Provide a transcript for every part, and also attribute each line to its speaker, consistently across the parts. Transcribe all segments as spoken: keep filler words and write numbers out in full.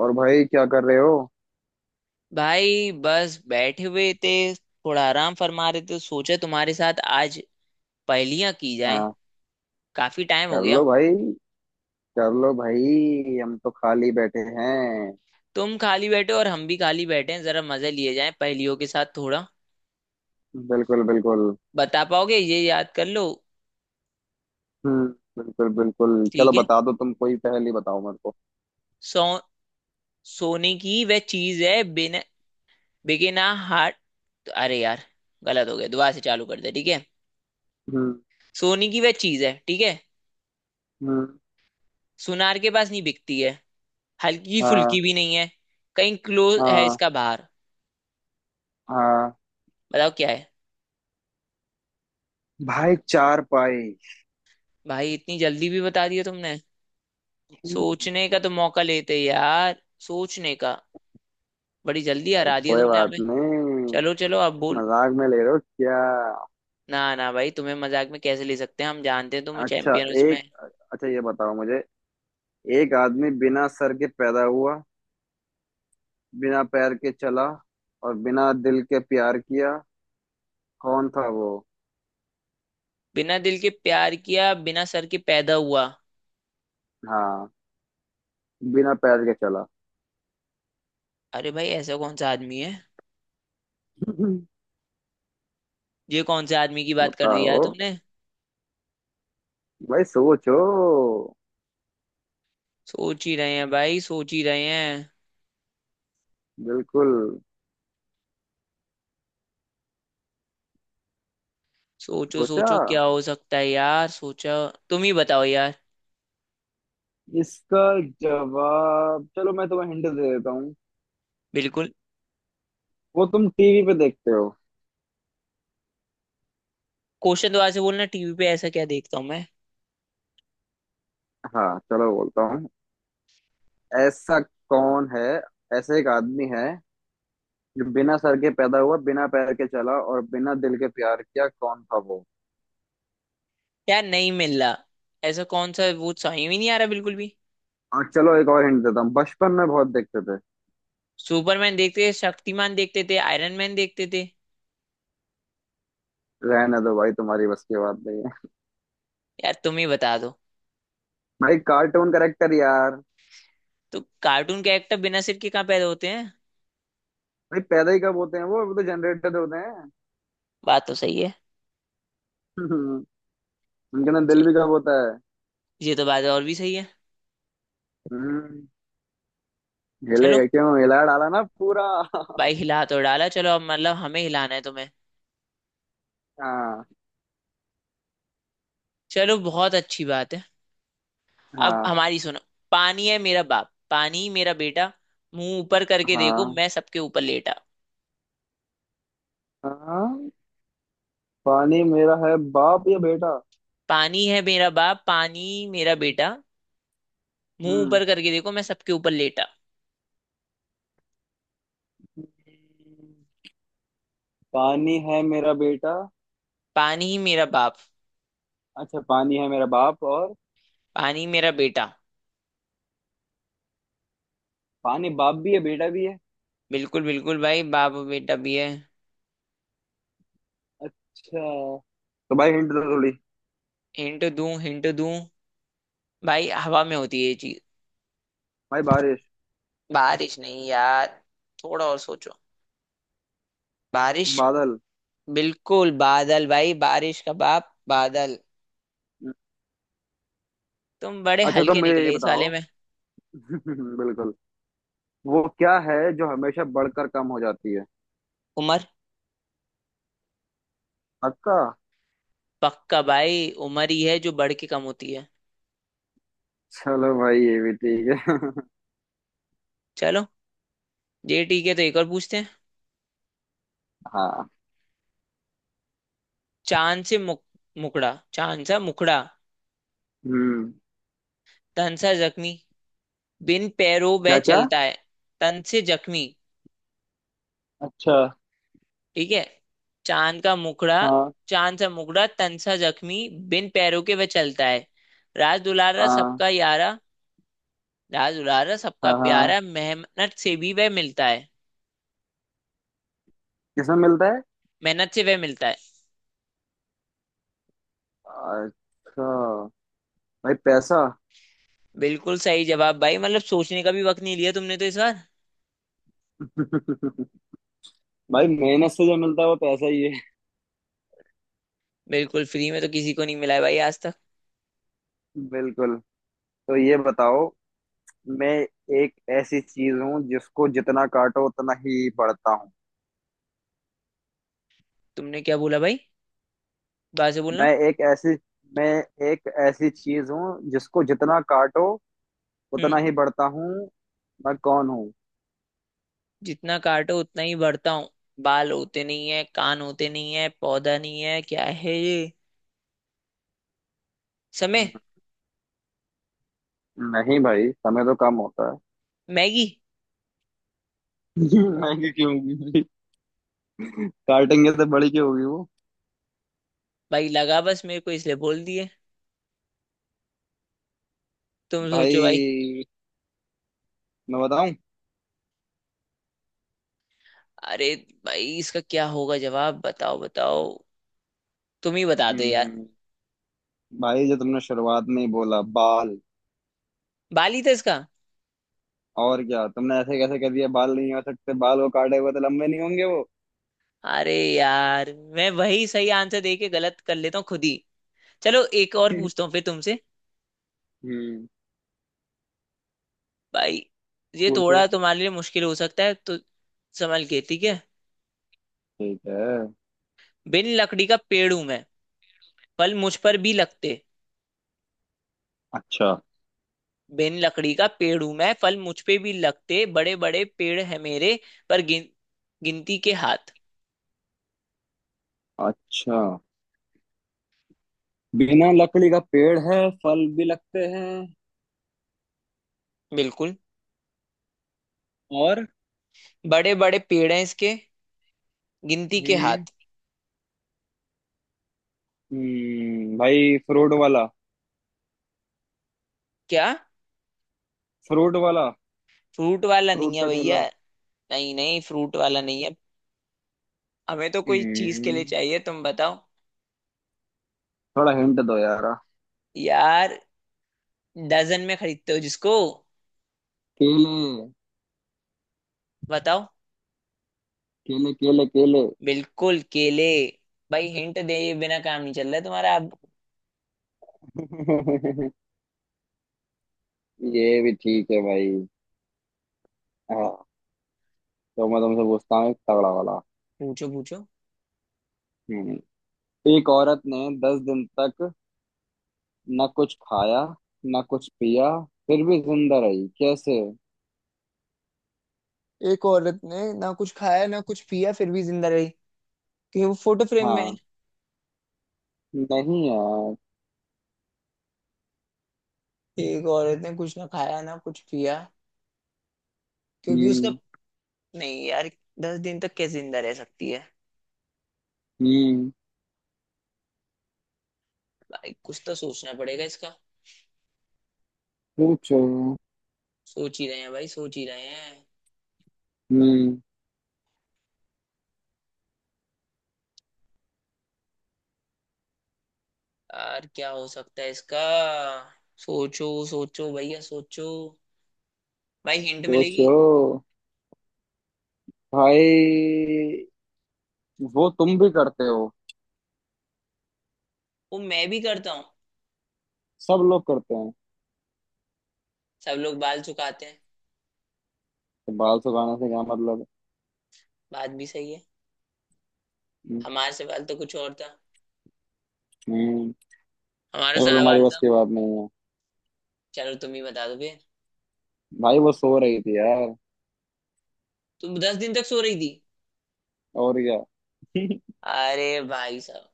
Speaker 1: और भाई क्या कर रहे हो।
Speaker 2: भाई बस बैठे हुए थे, थोड़ा आराम फरमा रहे थे। सोचे तुम्हारे साथ आज पहेलियां की जाएं।
Speaker 1: हाँ।
Speaker 2: काफी टाइम हो
Speaker 1: कर
Speaker 2: गया।
Speaker 1: लो भाई। कर लो भाई, हम तो खाली बैठे हैं।
Speaker 2: तुम खाली बैठे हो और हम भी खाली बैठे हैं, जरा मजे लिए जाएं पहेलियों के साथ थोड़ा।
Speaker 1: बिल्कुल बिल्कुल।
Speaker 2: बता पाओगे, ये याद कर लो।
Speaker 1: हम्म। बिल्कुल बिल्कुल। चलो
Speaker 2: ठीक है।
Speaker 1: बता दो, तुम कोई पहेली बताओ मेरे को।
Speaker 2: सो सोने की वह चीज है, बिना बिके ना हाट। अरे यार, गलत हो गया, दोबारा से चालू कर दे। ठीक है,
Speaker 1: हम्म।
Speaker 2: सोने की वह चीज है। ठीक है,
Speaker 1: हम्म।
Speaker 2: सुनार के पास नहीं बिकती है। हल्की
Speaker 1: हाँ।
Speaker 2: फुल्की भी नहीं है। कहीं क्लोज है
Speaker 1: हाँ।
Speaker 2: इसका बाहर।
Speaker 1: हाँ
Speaker 2: बताओ क्या है।
Speaker 1: भाई, चार पाई।
Speaker 2: भाई इतनी जल्दी भी बता दिया तुमने। सोचने का तो मौका लेते यार, सोचने का। बड़ी जल्दी
Speaker 1: अरे
Speaker 2: हरा दिया
Speaker 1: कोई
Speaker 2: तुमने
Speaker 1: बात
Speaker 2: हमें।
Speaker 1: नहीं।
Speaker 2: चलो चलो, अब बोल।
Speaker 1: मजाक में ले रहे हो क्या?
Speaker 2: ना ना भाई, तुम्हें मजाक में कैसे ले सकते हैं, हम जानते हैं तुम्हें
Speaker 1: अच्छा।
Speaker 2: चैंपियन उसमें।
Speaker 1: एक। अच्छा ये बताओ मुझे, एक आदमी बिना सर के पैदा हुआ, बिना पैर के चला, और बिना दिल के प्यार किया। कौन था वो?
Speaker 2: बिना दिल के प्यार किया, बिना सर के पैदा हुआ,
Speaker 1: हाँ, बिना पैर के चला।
Speaker 2: अरे भाई ऐसा कौन सा आदमी है। ये कौन से आदमी की बात कर दी यार
Speaker 1: बताओ।
Speaker 2: तुमने।
Speaker 1: भाई सोचो।
Speaker 2: सोच ही रहे हैं भाई, सोच ही रहे हैं।
Speaker 1: बिल्कुल।
Speaker 2: सोचो
Speaker 1: सोचा।
Speaker 2: सोचो, क्या हो सकता है यार, सोचो। तुम ही बताओ यार।
Speaker 1: इसका जवाब चलो मैं तुम्हें हिंट दे देता हूँ।
Speaker 2: बिल्कुल।
Speaker 1: वो तुम टीवी पे देखते हो।
Speaker 2: क्वेश्चन दोबारा से बोलना, टीवी पे ऐसा क्या देखता हूँ मैं।
Speaker 1: हाँ चलो बोलता हूँ। ऐसा कौन है? ऐसा एक आदमी है जो बिना सर के पैदा हुआ, बिना पैर के चला और बिना दिल के प्यार किया। कौन था वो?
Speaker 2: यार नहीं मिल रहा। ऐसा कौन सा, वो सही में नहीं आ रहा बिल्कुल भी।
Speaker 1: और चलो एक और हिंट देता हूँ, बचपन में बहुत देखते थे।
Speaker 2: सुपरमैन देखते थे, शक्तिमान देखते थे, आयरन मैन देखते थे।
Speaker 1: रहने दो भाई, तुम्हारी बस की बात नहीं है।
Speaker 2: यार तुम ही बता दो।
Speaker 1: भाई कार्टून करेक्टर यार।
Speaker 2: तो कार्टून कैरेक्टर बिना सिर के कहाँ पैदा होते हैं।
Speaker 1: भाई पैदा ही कब होते हैं, वो वो तो जनरेटेड होते हैं।
Speaker 2: बात तो सही है।
Speaker 1: उनके अंदर
Speaker 2: च-
Speaker 1: दिल भी कब होता है।
Speaker 2: ये तो बात और भी सही है।
Speaker 1: हम्म।
Speaker 2: चलो
Speaker 1: हिलेगा क्यों, हिला डाला ना पूरा।
Speaker 2: भाई, हिला तो डाला। चलो अब मतलब हमें हिलाना है तुम्हें।
Speaker 1: हाँ।
Speaker 2: चलो बहुत अच्छी बात है। अब
Speaker 1: हाँ।
Speaker 2: हमारी सुनो। पानी है मेरा बाप, पानी मेरा बेटा, मुंह ऊपर करके देखो,
Speaker 1: हाँ।
Speaker 2: मैं सबके ऊपर लेटा।
Speaker 1: हाँ, पानी मेरा है बाप या बेटा?
Speaker 2: पानी है मेरा बाप, पानी मेरा बेटा, मुंह
Speaker 1: हम्म,
Speaker 2: ऊपर करके देखो, मैं सबके ऊपर लेटा।
Speaker 1: पानी है मेरा बेटा।
Speaker 2: पानी ही मेरा बाप,
Speaker 1: अच्छा, पानी है मेरा बाप और
Speaker 2: पानी ही मेरा बेटा।
Speaker 1: पानी बाप भी है बेटा भी है।
Speaker 2: बिल्कुल बिल्कुल भाई, बाप और बेटा भी है।
Speaker 1: अच्छा, तो भाई हिंट दो थोड़ी।
Speaker 2: हिंट दूं हिंट दूं, भाई हवा में होती है ये चीज।
Speaker 1: भाई बारिश।
Speaker 2: बारिश नहीं यार, थोड़ा और सोचो। बारिश।
Speaker 1: बादल।
Speaker 2: बिल्कुल बादल, भाई बारिश का बाप बादल। तुम बड़े
Speaker 1: अच्छा तो
Speaker 2: हल्के
Speaker 1: मुझे ये
Speaker 2: निकले इस वाले
Speaker 1: बताओ,
Speaker 2: में।
Speaker 1: बिल्कुल, वो क्या है जो हमेशा बढ़कर कम हो जाती है?
Speaker 2: उमर।
Speaker 1: पक्का?
Speaker 2: पक्का भाई, उमर ही है जो बढ़ के कम होती है।
Speaker 1: चलो भाई ये भी ठीक है।
Speaker 2: चलो, ये ठीक है, तो एक और पूछते हैं।
Speaker 1: हाँ।
Speaker 2: चांद से मुक, मुकड़ा, चांद सा मुकड़ा,
Speaker 1: हम्म।
Speaker 2: तन सा जख्मी, बिन पैरों वह
Speaker 1: क्या क्या?
Speaker 2: चलता है। तन से जख्मी।
Speaker 1: अच्छा।
Speaker 2: ठीक है, चांद का मुखड़ा।
Speaker 1: हाँ।
Speaker 2: चांद सा मुखड़ा, तन सा जख्मी, बिन पैरों के वह चलता है। राज
Speaker 1: आ,
Speaker 2: दुलारा सबका यारा। राज दुलारा सबका
Speaker 1: हाँ हाँ,
Speaker 2: प्यारा, मेहनत से भी वह मिलता है।
Speaker 1: किसमें मिलता है?
Speaker 2: मेहनत से वह मिलता है।
Speaker 1: अच्छा, भाई पैसा।
Speaker 2: बिल्कुल सही जवाब भाई, मतलब सोचने का भी वक्त नहीं लिया तुमने तो इस बार।
Speaker 1: भाई मेहनत से जो मिलता है वो पैसा ही है।
Speaker 2: बिल्कुल, फ्री में तो किसी को नहीं मिला है भाई आज तक।
Speaker 1: बिल्कुल। तो ये बताओ, मैं एक ऐसी चीज हूँ जिसको जितना काटो उतना ही बढ़ता हूँ।
Speaker 2: तुमने क्या बोला भाई, बात से बोलना।
Speaker 1: मैं एक ऐसी मैं एक ऐसी चीज हूँ जिसको जितना काटो उतना
Speaker 2: हम्म।
Speaker 1: ही बढ़ता हूँ। मैं कौन हूँ?
Speaker 2: जितना काटो उतना ही बढ़ता हूँ। बाल होते नहीं है, कान होते नहीं है, पौधा नहीं है, क्या है ये। समय।
Speaker 1: नहीं भाई, समय तो कम होता है।
Speaker 2: मैगी।
Speaker 1: महंगी क्यों होगी भाई, काटेंगे तो बड़ी क्यों होगी वो?
Speaker 2: भाई लगा बस, मेरे को इसलिए बोल दिए। तुम सोचो भाई।
Speaker 1: भाई मैं बताऊं?
Speaker 2: अरे, भाई इसका क्या होगा, जवाब बताओ बताओ। तुम ही बता दो यार।
Speaker 1: हम्म, भाई जो तुमने शुरुआत में ही बोला, बाल।
Speaker 2: बाली था इसका।
Speaker 1: और क्या, तुमने ऐसे कैसे कह दिया बाल नहीं हो सकते? बाल वो काटे हुए तो लंबे नहीं होंगे वो?
Speaker 2: अरे यार, मैं वही सही आंसर दे के गलत कर लेता हूँ खुद ही। चलो एक और पूछता हूँ फिर तुमसे।
Speaker 1: हम्म।
Speaker 2: भाई ये
Speaker 1: पूछो।
Speaker 2: थोड़ा तुम्हारे लिए मुश्किल हो सकता है, तो संभल के, ठीक है।
Speaker 1: ठीक है।
Speaker 2: बिन लकड़ी का पेड़ हूं मैं, फल मुझ पर भी लगते।
Speaker 1: अच्छा।
Speaker 2: बिन लकड़ी का पेड़ हूं मैं, फल मुझ पे भी लगते, बड़े बड़े पेड़ है मेरे, पर गिन, गिनती के हाथ।
Speaker 1: अच्छा, बिना लकड़ी का पेड़ है, फल भी लगते हैं।
Speaker 2: बिल्कुल।
Speaker 1: और?
Speaker 2: बड़े बड़े पेड़ हैं इसके, गिनती के
Speaker 1: हम्म।
Speaker 2: हाथ।
Speaker 1: हम्म, भाई फ्रूट वाला।
Speaker 2: क्या।
Speaker 1: फ्रूट वाला।
Speaker 2: फ्रूट वाला
Speaker 1: फ्रूट
Speaker 2: नहीं है
Speaker 1: का
Speaker 2: भैया।
Speaker 1: ठेला।
Speaker 2: नहीं नहीं, फ्रूट वाला नहीं है। हमें तो कोई चीज के
Speaker 1: हम्म,
Speaker 2: लिए चाहिए, तुम बताओ।
Speaker 1: थोड़ा हिंट दो यार।
Speaker 2: यार, डजन में खरीदते हो जिसको।
Speaker 1: केले।
Speaker 2: बताओ।
Speaker 1: केले केले। केले।
Speaker 2: बिल्कुल केले। भाई हिंट दे बिना काम नहीं चल रहा है तुम्हारा आप।
Speaker 1: ये भी ठीक है भाई। हाँ, तो मैं तुमसे पूछता हूँ एक तगड़ा वाला।
Speaker 2: पूछो पूछो।
Speaker 1: हम्म। एक औरत ने दस दिन तक न कुछ खाया न कुछ पिया, फिर भी जिंदा रही, कैसे?
Speaker 2: एक औरत ने ना कुछ खाया ना कुछ पिया फिर भी जिंदा रही, क्योंकि वो फोटो फ्रेम में है।
Speaker 1: हाँ। नहीं यार।
Speaker 2: एक औरत ने कुछ ना खाया ना कुछ पिया, क्योंकि उसका।
Speaker 1: हम्म।
Speaker 2: नहीं यार, दस दिन तक कैसे जिंदा रह सकती है।
Speaker 1: हम्म।
Speaker 2: भाई कुछ तो सोचना पड़ेगा इसका।
Speaker 1: सोचो।
Speaker 2: सोच ही रहे हैं भाई, सोच ही रहे हैं।
Speaker 1: हम्म।
Speaker 2: यार क्या हो सकता है इसका। सोचो सोचो भैया, सोचो। भाई हिंट
Speaker 1: सोचो
Speaker 2: मिलेगी।
Speaker 1: भाई, वो तुम भी करते हो।
Speaker 2: वो मैं भी करता हूँ।
Speaker 1: सब लोग करते हैं।
Speaker 2: सब लोग बाल चुकाते हैं।
Speaker 1: तो बाल सुखाने से क्या मतलब है?
Speaker 2: बात भी सही है, हमारे से बाल तो कुछ और था।
Speaker 1: हम्म।
Speaker 2: हमारा
Speaker 1: चलो,
Speaker 2: सा
Speaker 1: तुम्हारी
Speaker 2: बाल
Speaker 1: बस
Speaker 2: था।
Speaker 1: की बात नहीं है।
Speaker 2: चलो तुम ही बता दो फिर।
Speaker 1: भाई वो सो रही थी यार।
Speaker 2: तुम दस दिन तक सो रही थी।
Speaker 1: और क्या?
Speaker 2: अरे भाई साहब,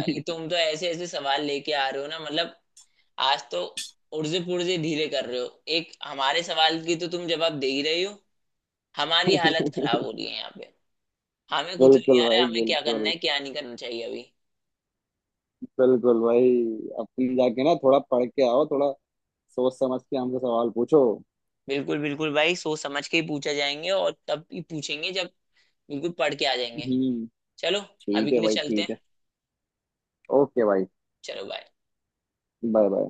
Speaker 2: भाई तुम तो ऐसे ऐसे सवाल लेके आ रहे हो ना, मतलब आज तो उर्जे पुर्जे ढीले कर रहे हो। एक हमारे सवाल की तो तुम जवाब दे ही रही हो। हमारी हालत खराब हो रही है यहाँ पे। हमें कुछ नहीं
Speaker 1: बिल्कुल
Speaker 2: आ रहा है,
Speaker 1: भाई,
Speaker 2: हमें क्या करना
Speaker 1: बिल्कुल।
Speaker 2: है क्या नहीं करना चाहिए अभी।
Speaker 1: बिल्कुल भाई, अपनी जाके ना थोड़ा पढ़ के आओ थोड़ा, सोच समझ के हमसे सवाल पूछो।
Speaker 2: बिल्कुल बिल्कुल भाई, सोच समझ के ही पूछा जाएंगे और तब ही पूछेंगे जब बिल्कुल पढ़ के आ जाएंगे।
Speaker 1: हम्म।
Speaker 2: चलो। अभी
Speaker 1: ठीक
Speaker 2: के
Speaker 1: है
Speaker 2: लिए
Speaker 1: भाई,
Speaker 2: चलते
Speaker 1: ठीक
Speaker 2: हैं।
Speaker 1: है। ओके भाई।
Speaker 2: चलो बाय।
Speaker 1: Bye bye.